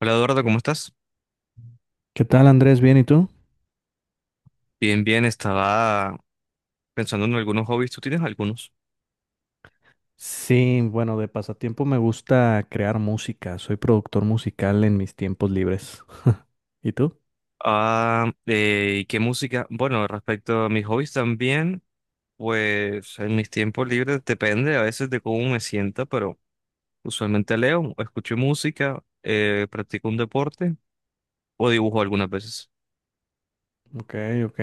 Hola Eduardo, ¿cómo estás? ¿Qué tal, Andrés? ¿Bien y tú? Bien, bien, estaba pensando en algunos hobbies, ¿tú tienes algunos? Sí, bueno, de pasatiempo me gusta crear música. Soy productor musical en mis tiempos libres. ¿Y tú? ¿Y qué música? Bueno, respecto a mis hobbies también, pues en mis tiempos libres depende a veces de cómo me sienta, pero usualmente leo, escucho música, practico un deporte o dibujo algunas veces. Ok, ok.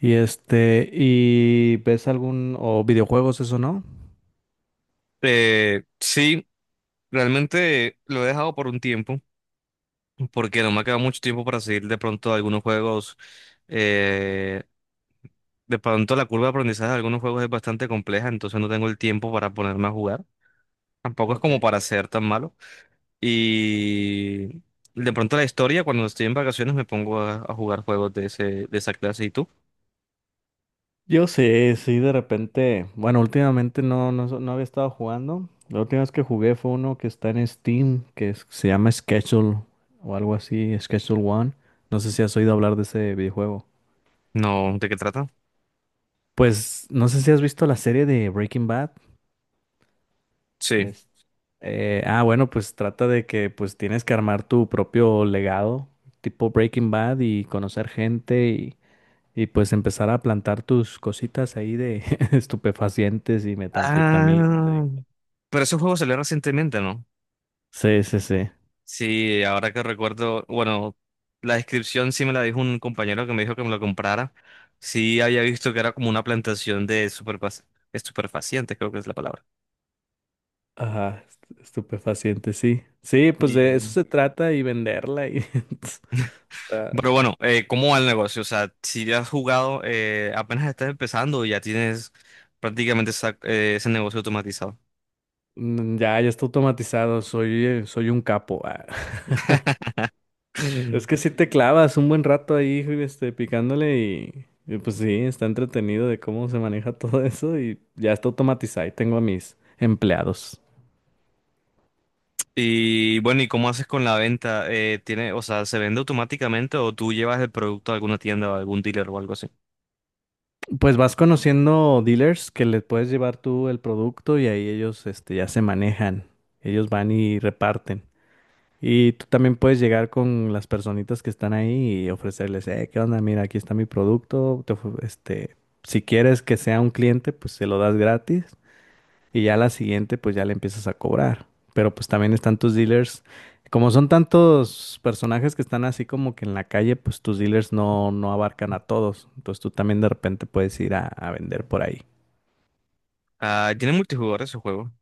Y ¿y ves algún o videojuegos eso no? Sí, realmente lo he dejado por un tiempo, porque no me ha quedado mucho tiempo para seguir de pronto algunos juegos. eh, De pronto la curva de aprendizaje de algunos juegos es bastante compleja, entonces no tengo el tiempo para ponerme a jugar. Tampoco es Ok. como para ser tan malo. Y de pronto la historia, cuando estoy en vacaciones, me pongo a jugar juegos de ese, de esa clase. ¿Y tú? Yo sí, sí, de repente, bueno, últimamente no, no, no había estado jugando. La última vez que jugué fue uno que está en Steam, se llama Schedule o algo así, Schedule One. No sé si has oído hablar de ese videojuego. No, ¿de qué trata? Pues no sé si has visto la serie de Breaking Bad. Sí. Es- bueno, pues trata de que pues tienes que armar tu propio legado, tipo Breaking Bad, y conocer gente y, pues empezar a plantar tus cositas ahí de estupefacientes y metanfetamina. Ah, pero esos juegos salieron recientemente, ¿no? Sí, sí, sí. Sí, ahora que recuerdo, bueno, la descripción sí me la dijo un compañero que me dijo que me lo comprara. Sí, había visto que era como una plantación de estupefacientes, creo que es la palabra. Ajá, estupefacientes, sí. Sí, pues de eso Sí. se trata y venderla y está, Pero bueno, ¿cómo va el negocio? O sea, si ya has jugado, apenas estás empezando y ya tienes prácticamente ese negocio automatizado. Ya, ya está automatizado. Soy un capo. Ah. Es Mm. que si te clavas un buen rato ahí, picándole y pues sí, está entretenido de cómo se maneja todo eso y ya está automatizado y tengo a mis empleados. Y bueno, ¿y cómo haces con la venta? Tiene, o sea, ¿se vende automáticamente o tú llevas el producto a alguna tienda o a algún dealer o algo así? Pues vas conociendo dealers que les puedes llevar tú el producto y ahí ellos, ya se manejan. Ellos van y reparten. Y tú también puedes llegar con las personitas que están ahí y ofrecerles, ¿qué onda? Mira, aquí está mi producto. Si quieres que sea un cliente, pues se lo das gratis. Y ya la siguiente, pues ya le empiezas a cobrar. Pero pues también están tus dealers. Como son tantos personajes que están así como que en la calle, pues tus dealers no, no abarcan a todos. Entonces tú también de repente puedes ir a vender por ahí. Ah, tiene multijugador ese juego.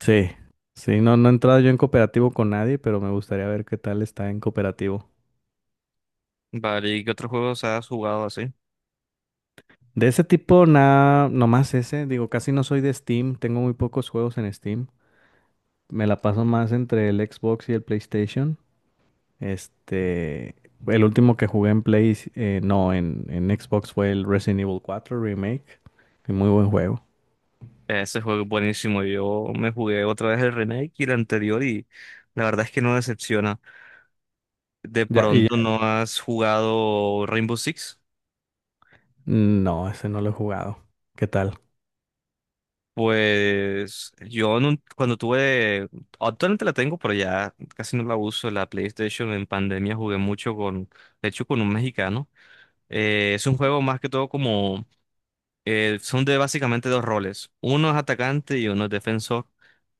Sí, sí, no, no he entrado yo en cooperativo con nadie, pero me gustaría ver qué tal está en cooperativo. Vale, ¿y qué otros juegos has jugado así? De ese tipo, nada, nomás ese. Digo, casi no soy de Steam, tengo muy pocos juegos en Steam. Me la paso más entre el Xbox y el PlayStation. Este, el último que jugué en Play, no, en Xbox fue el Resident Evil 4 Remake. Y muy buen juego. Ese juego es buenísimo. Yo me jugué otra vez el remake y el anterior y la verdad es que no decepciona. ¿De Ya, y pronto ya- no has jugado Rainbow Six? no, ese no lo he jugado. ¿Qué tal? Pues yo en cuando tuve, actualmente la tengo, pero ya casi no la uso, la PlayStation en pandemia jugué mucho con, de hecho con un mexicano. Es un juego más que todo como, son de básicamente dos roles, uno es atacante y uno es defensor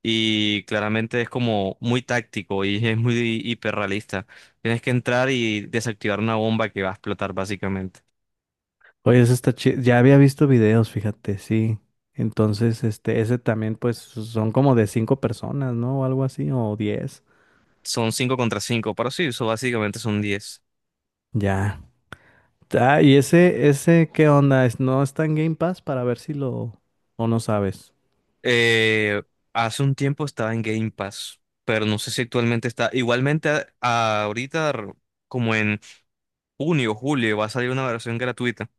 y claramente es como muy táctico y es muy hiperrealista. Tienes que entrar y desactivar una bomba que va a explotar básicamente. Oye, ese está chido. Ya había visto videos, fíjate, sí. Entonces, ese también, pues, son como de cinco personas, ¿no? O algo así, o 10. Son cinco contra cinco, pero sí, eso básicamente son diez. Ya. Ah, y ese, ¿qué onda? ¿No está en Game Pass para ver si lo, o no sabes? Eh, Hace un tiempo estaba en Game Pass, pero no sé si actualmente está. Igualmente, ahorita, como en junio o julio, va a salir una versión gratuita.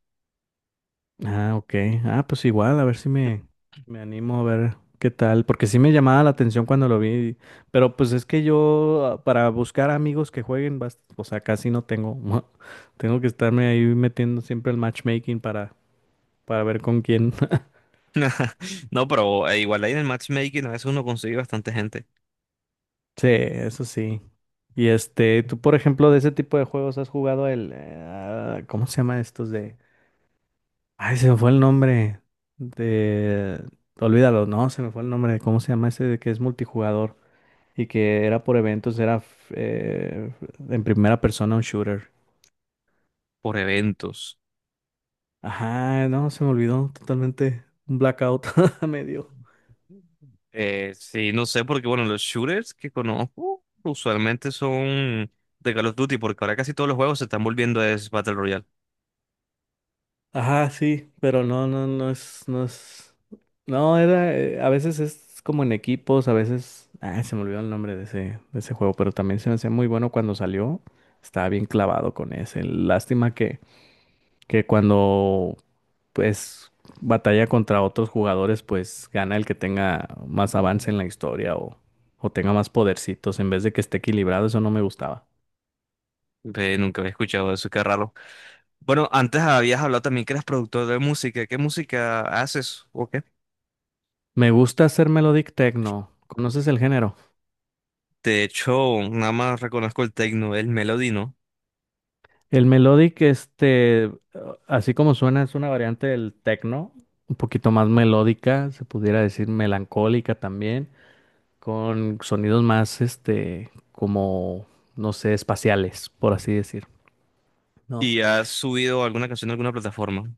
Ah, ok. Ah, pues igual, a ver si me animo a ver qué tal, porque sí me llamaba la atención cuando lo vi, pero pues es que yo para buscar amigos que jueguen, o sea, casi no tengo. Tengo que estarme ahí metiendo siempre el matchmaking para ver con quién. No, pero igual ahí en el matchmaking a veces uno consigue bastante gente Sí, eso sí. Y tú por ejemplo de ese tipo de juegos has jugado el, ¿cómo se llama estos de? Ay, se me fue el nombre de, olvídalo, no, se me fue el nombre. ¿Cómo se llama ese de que es multijugador? Y que era por eventos, en primera persona un shooter. por eventos. Ajá, no, se me olvidó totalmente. Un blackout me dio. Sí, no sé, porque bueno, los shooters que conozco usualmente son de Call of Duty, porque ahora casi todos los juegos se están volviendo es Battle Royale. Ajá, sí, pero no, no, no es, no es. No, era, a veces es como en equipos, a veces. Ah, se me olvidó el nombre de ese, juego, pero también se me hacía muy bueno cuando salió. Estaba bien clavado con ese. Lástima que cuando pues batalla contra otros jugadores, pues gana el que tenga más avance en la historia o tenga más podercitos en vez de que esté equilibrado, eso no me gustaba. Ve, nunca había escuchado eso, qué raro. Bueno, antes habías hablado también que eras productor de música. ¿Qué música haces? Ok. Me gusta hacer melodic techno. ¿Conoces el género? De hecho, nada más reconozco el techno, el Melody, ¿no? El melodic, así como suena, es una variante del techno, un poquito más melódica, se pudiera decir melancólica también, con sonidos más, como, no sé, espaciales, por así decir, ¿no? Y has subido alguna canción a alguna plataforma.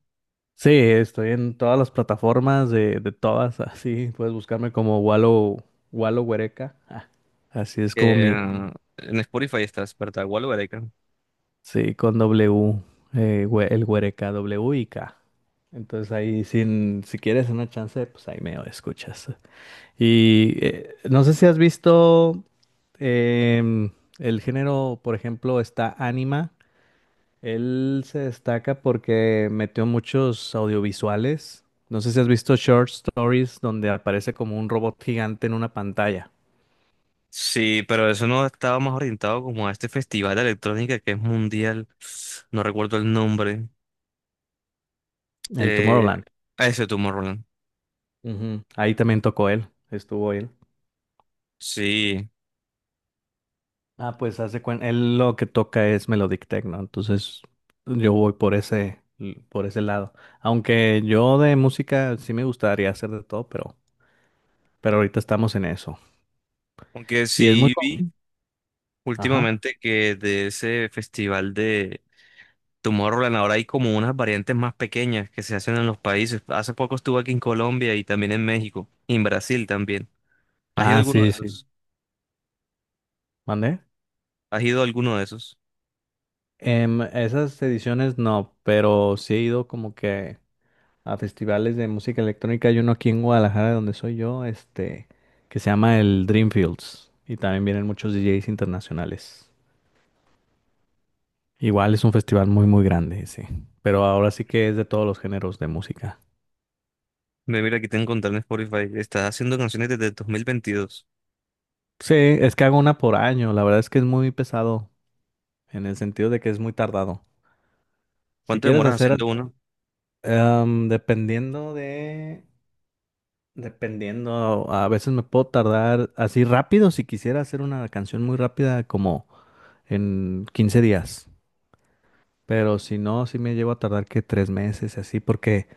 Sí, estoy en todas las plataformas de todas, así puedes buscarme como Walo, Walo Huereca. Ah, así es como Eh, mi, en Spotify estás, ¿verdad? Igual o Gareca. sí, con W, el Huereca, W y K. Entonces ahí, sin, si quieres una chance, pues ahí me escuchas. Y no sé si has visto em, el género, por ejemplo, está Anima. Él se destaca porque metió muchos audiovisuales. No sé si has visto Short Stories donde aparece como un robot gigante en una pantalla. Sí, pero eso no estaba más orientado como a este festival de electrónica que es mundial. No recuerdo el nombre. El Eh, Tomorrowland. a ese Tomorrowland. Ujú. Ahí también tocó él. Estuvo él. Sí, Ah, pues hace cuenta. Él lo que toca es Melodic Techno. Entonces yo voy por ese lado. Aunque yo de música sí me gustaría hacer de todo, pero ahorita estamos en eso. aunque Y es muy... sí co- vi Ajá. últimamente que de ese festival de Tomorrowland ahora hay como unas variantes más pequeñas que se hacen en los países. Hace poco estuve aquí en Colombia y también en México y en Brasil también. ¿Has ido a Ah, alguno de sí, sí. esos? ¿Mandé? ¿Has ido a alguno de esos? Esas ediciones no, pero sí he ido como que a festivales de música electrónica. Hay uno aquí en Guadalajara, donde soy yo, que se llama el Dreamfields. Y también vienen muchos DJs internacionales. Igual es un festival muy, muy grande, sí. Pero ahora sí que es de todos los géneros de música. Me mira aquí te encontré en Spotify. Estás haciendo canciones desde el 2022. Sí, es que hago una por año. La verdad es que es muy pesado, en el sentido de que es muy tardado. Si ¿Cuánto quieres demoras hacer, haciendo uno? Dependiendo de... Dependiendo, a veces me puedo tardar así rápido si quisiera hacer una canción muy rápida como en 15 días. Pero si no, sí me llevo a tardar que 3 meses y así porque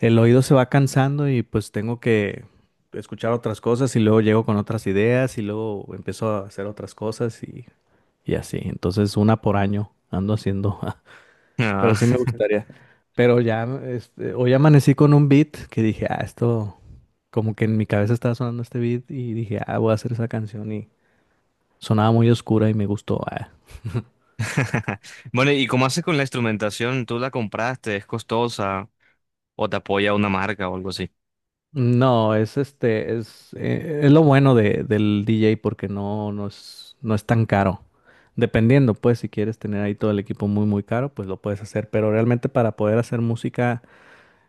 el oído se va cansando y pues tengo que escuchar otras cosas y luego llego con otras ideas y luego empiezo a hacer otras cosas y así. Entonces una por año ando haciendo. Pero sí Ah. me gustaría. Pero ya, hoy amanecí con un beat que dije, ah, esto, como que en mi cabeza estaba sonando este beat y dije, ah, voy a hacer esa canción y sonaba muy oscura y me gustó. Ah. Bueno, ¿y cómo haces con la instrumentación? ¿Tú la compraste? ¿Es costosa? ¿O te apoya una marca o algo así? No, es lo bueno del DJ porque no, no es, no es tan caro. Dependiendo, pues, si quieres tener ahí todo el equipo muy, muy caro, pues lo puedes hacer. Pero realmente para poder hacer música,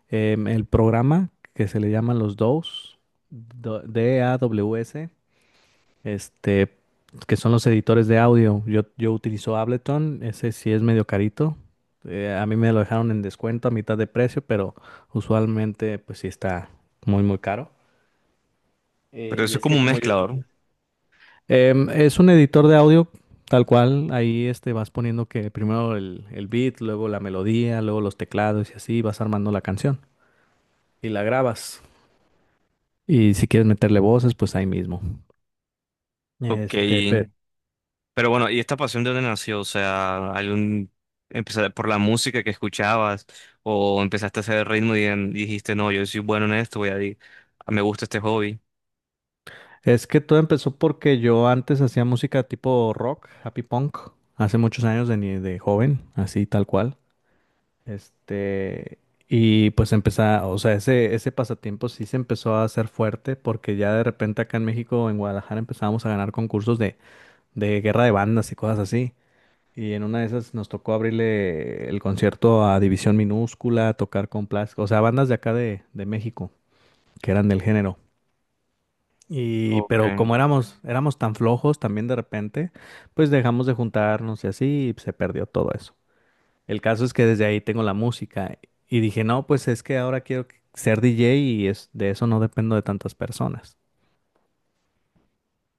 el programa que se le llama los DAWs, DAWS, este, que son los editores de audio. Yo utilizo Ableton, ese sí es medio carito. A mí me lo dejaron en descuento a mitad de precio, pero usualmente pues sí está muy, muy caro. Eh, Pero y eso es es como que un como yo... mezclador. Es un editor de audio tal cual, ahí vas poniendo que primero el beat, luego la melodía, luego los teclados y así vas armando la canción y la grabas. Y si quieres meterle voces, pues ahí mismo. Ok. Este, pe- Pero bueno, ¿y esta pasión de dónde nació? O sea, algún empezar por la música que escuchabas o empezaste a hacer ritmo y, dijiste, no, yo soy bueno en esto, voy a, me gusta este hobby. Es que todo empezó porque yo antes hacía música tipo rock, happy punk, hace muchos años de, ni- de joven, así tal cual. Este, y pues empezaba, o sea, ese pasatiempo sí se empezó a hacer fuerte porque ya de repente acá en México, en Guadalajara, empezábamos a ganar concursos de guerra de bandas y cosas así. Y en una de esas nos tocó abrirle el concierto a División Minúscula, tocar con Plas, o sea, bandas de acá de México, que eran del género. Pero Okay. como éramos tan flojos también de repente, pues dejamos de juntarnos y así y se perdió todo eso. El caso es que desde ahí tengo la música y dije, no, pues es que ahora quiero ser DJ y es, de eso no dependo de tantas personas.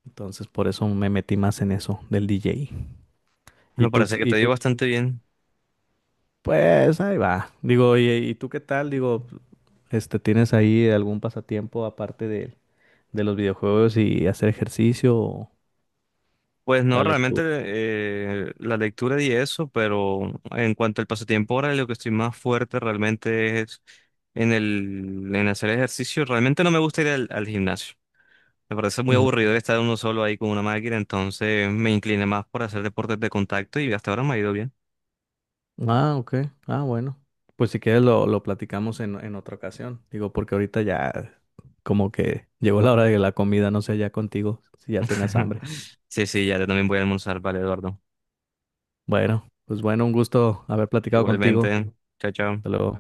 Entonces por eso me metí más en eso del DJ. Y Me tú, parece que y te tú, dio bastante bien. pues ahí va. Digo, ¿y tú qué tal? Digo, ¿tienes ahí algún pasatiempo aparte de los videojuegos y hacer ejercicio o Pues no, la realmente lectura? La lectura y eso, pero en cuanto al pasatiempo ahora, lo que estoy más fuerte realmente es en el en hacer ejercicio. Realmente no me gusta ir al gimnasio. Me parece muy aburrido estar uno solo ahí con una máquina, entonces me incliné más por hacer deportes de contacto y hasta ahora me ha ido bien. Ah, ok. Ah, bueno. Pues si quieres lo platicamos en otra ocasión. Digo, porque ahorita ya como que llegó la hora de la comida, no sé, ya contigo, si ya tengas hambre. Sí, sí, ya yo también voy a almorzar, vale, Eduardo. Bueno, pues bueno, un gusto haber platicado contigo. Igualmente, chao, chao. Hasta luego.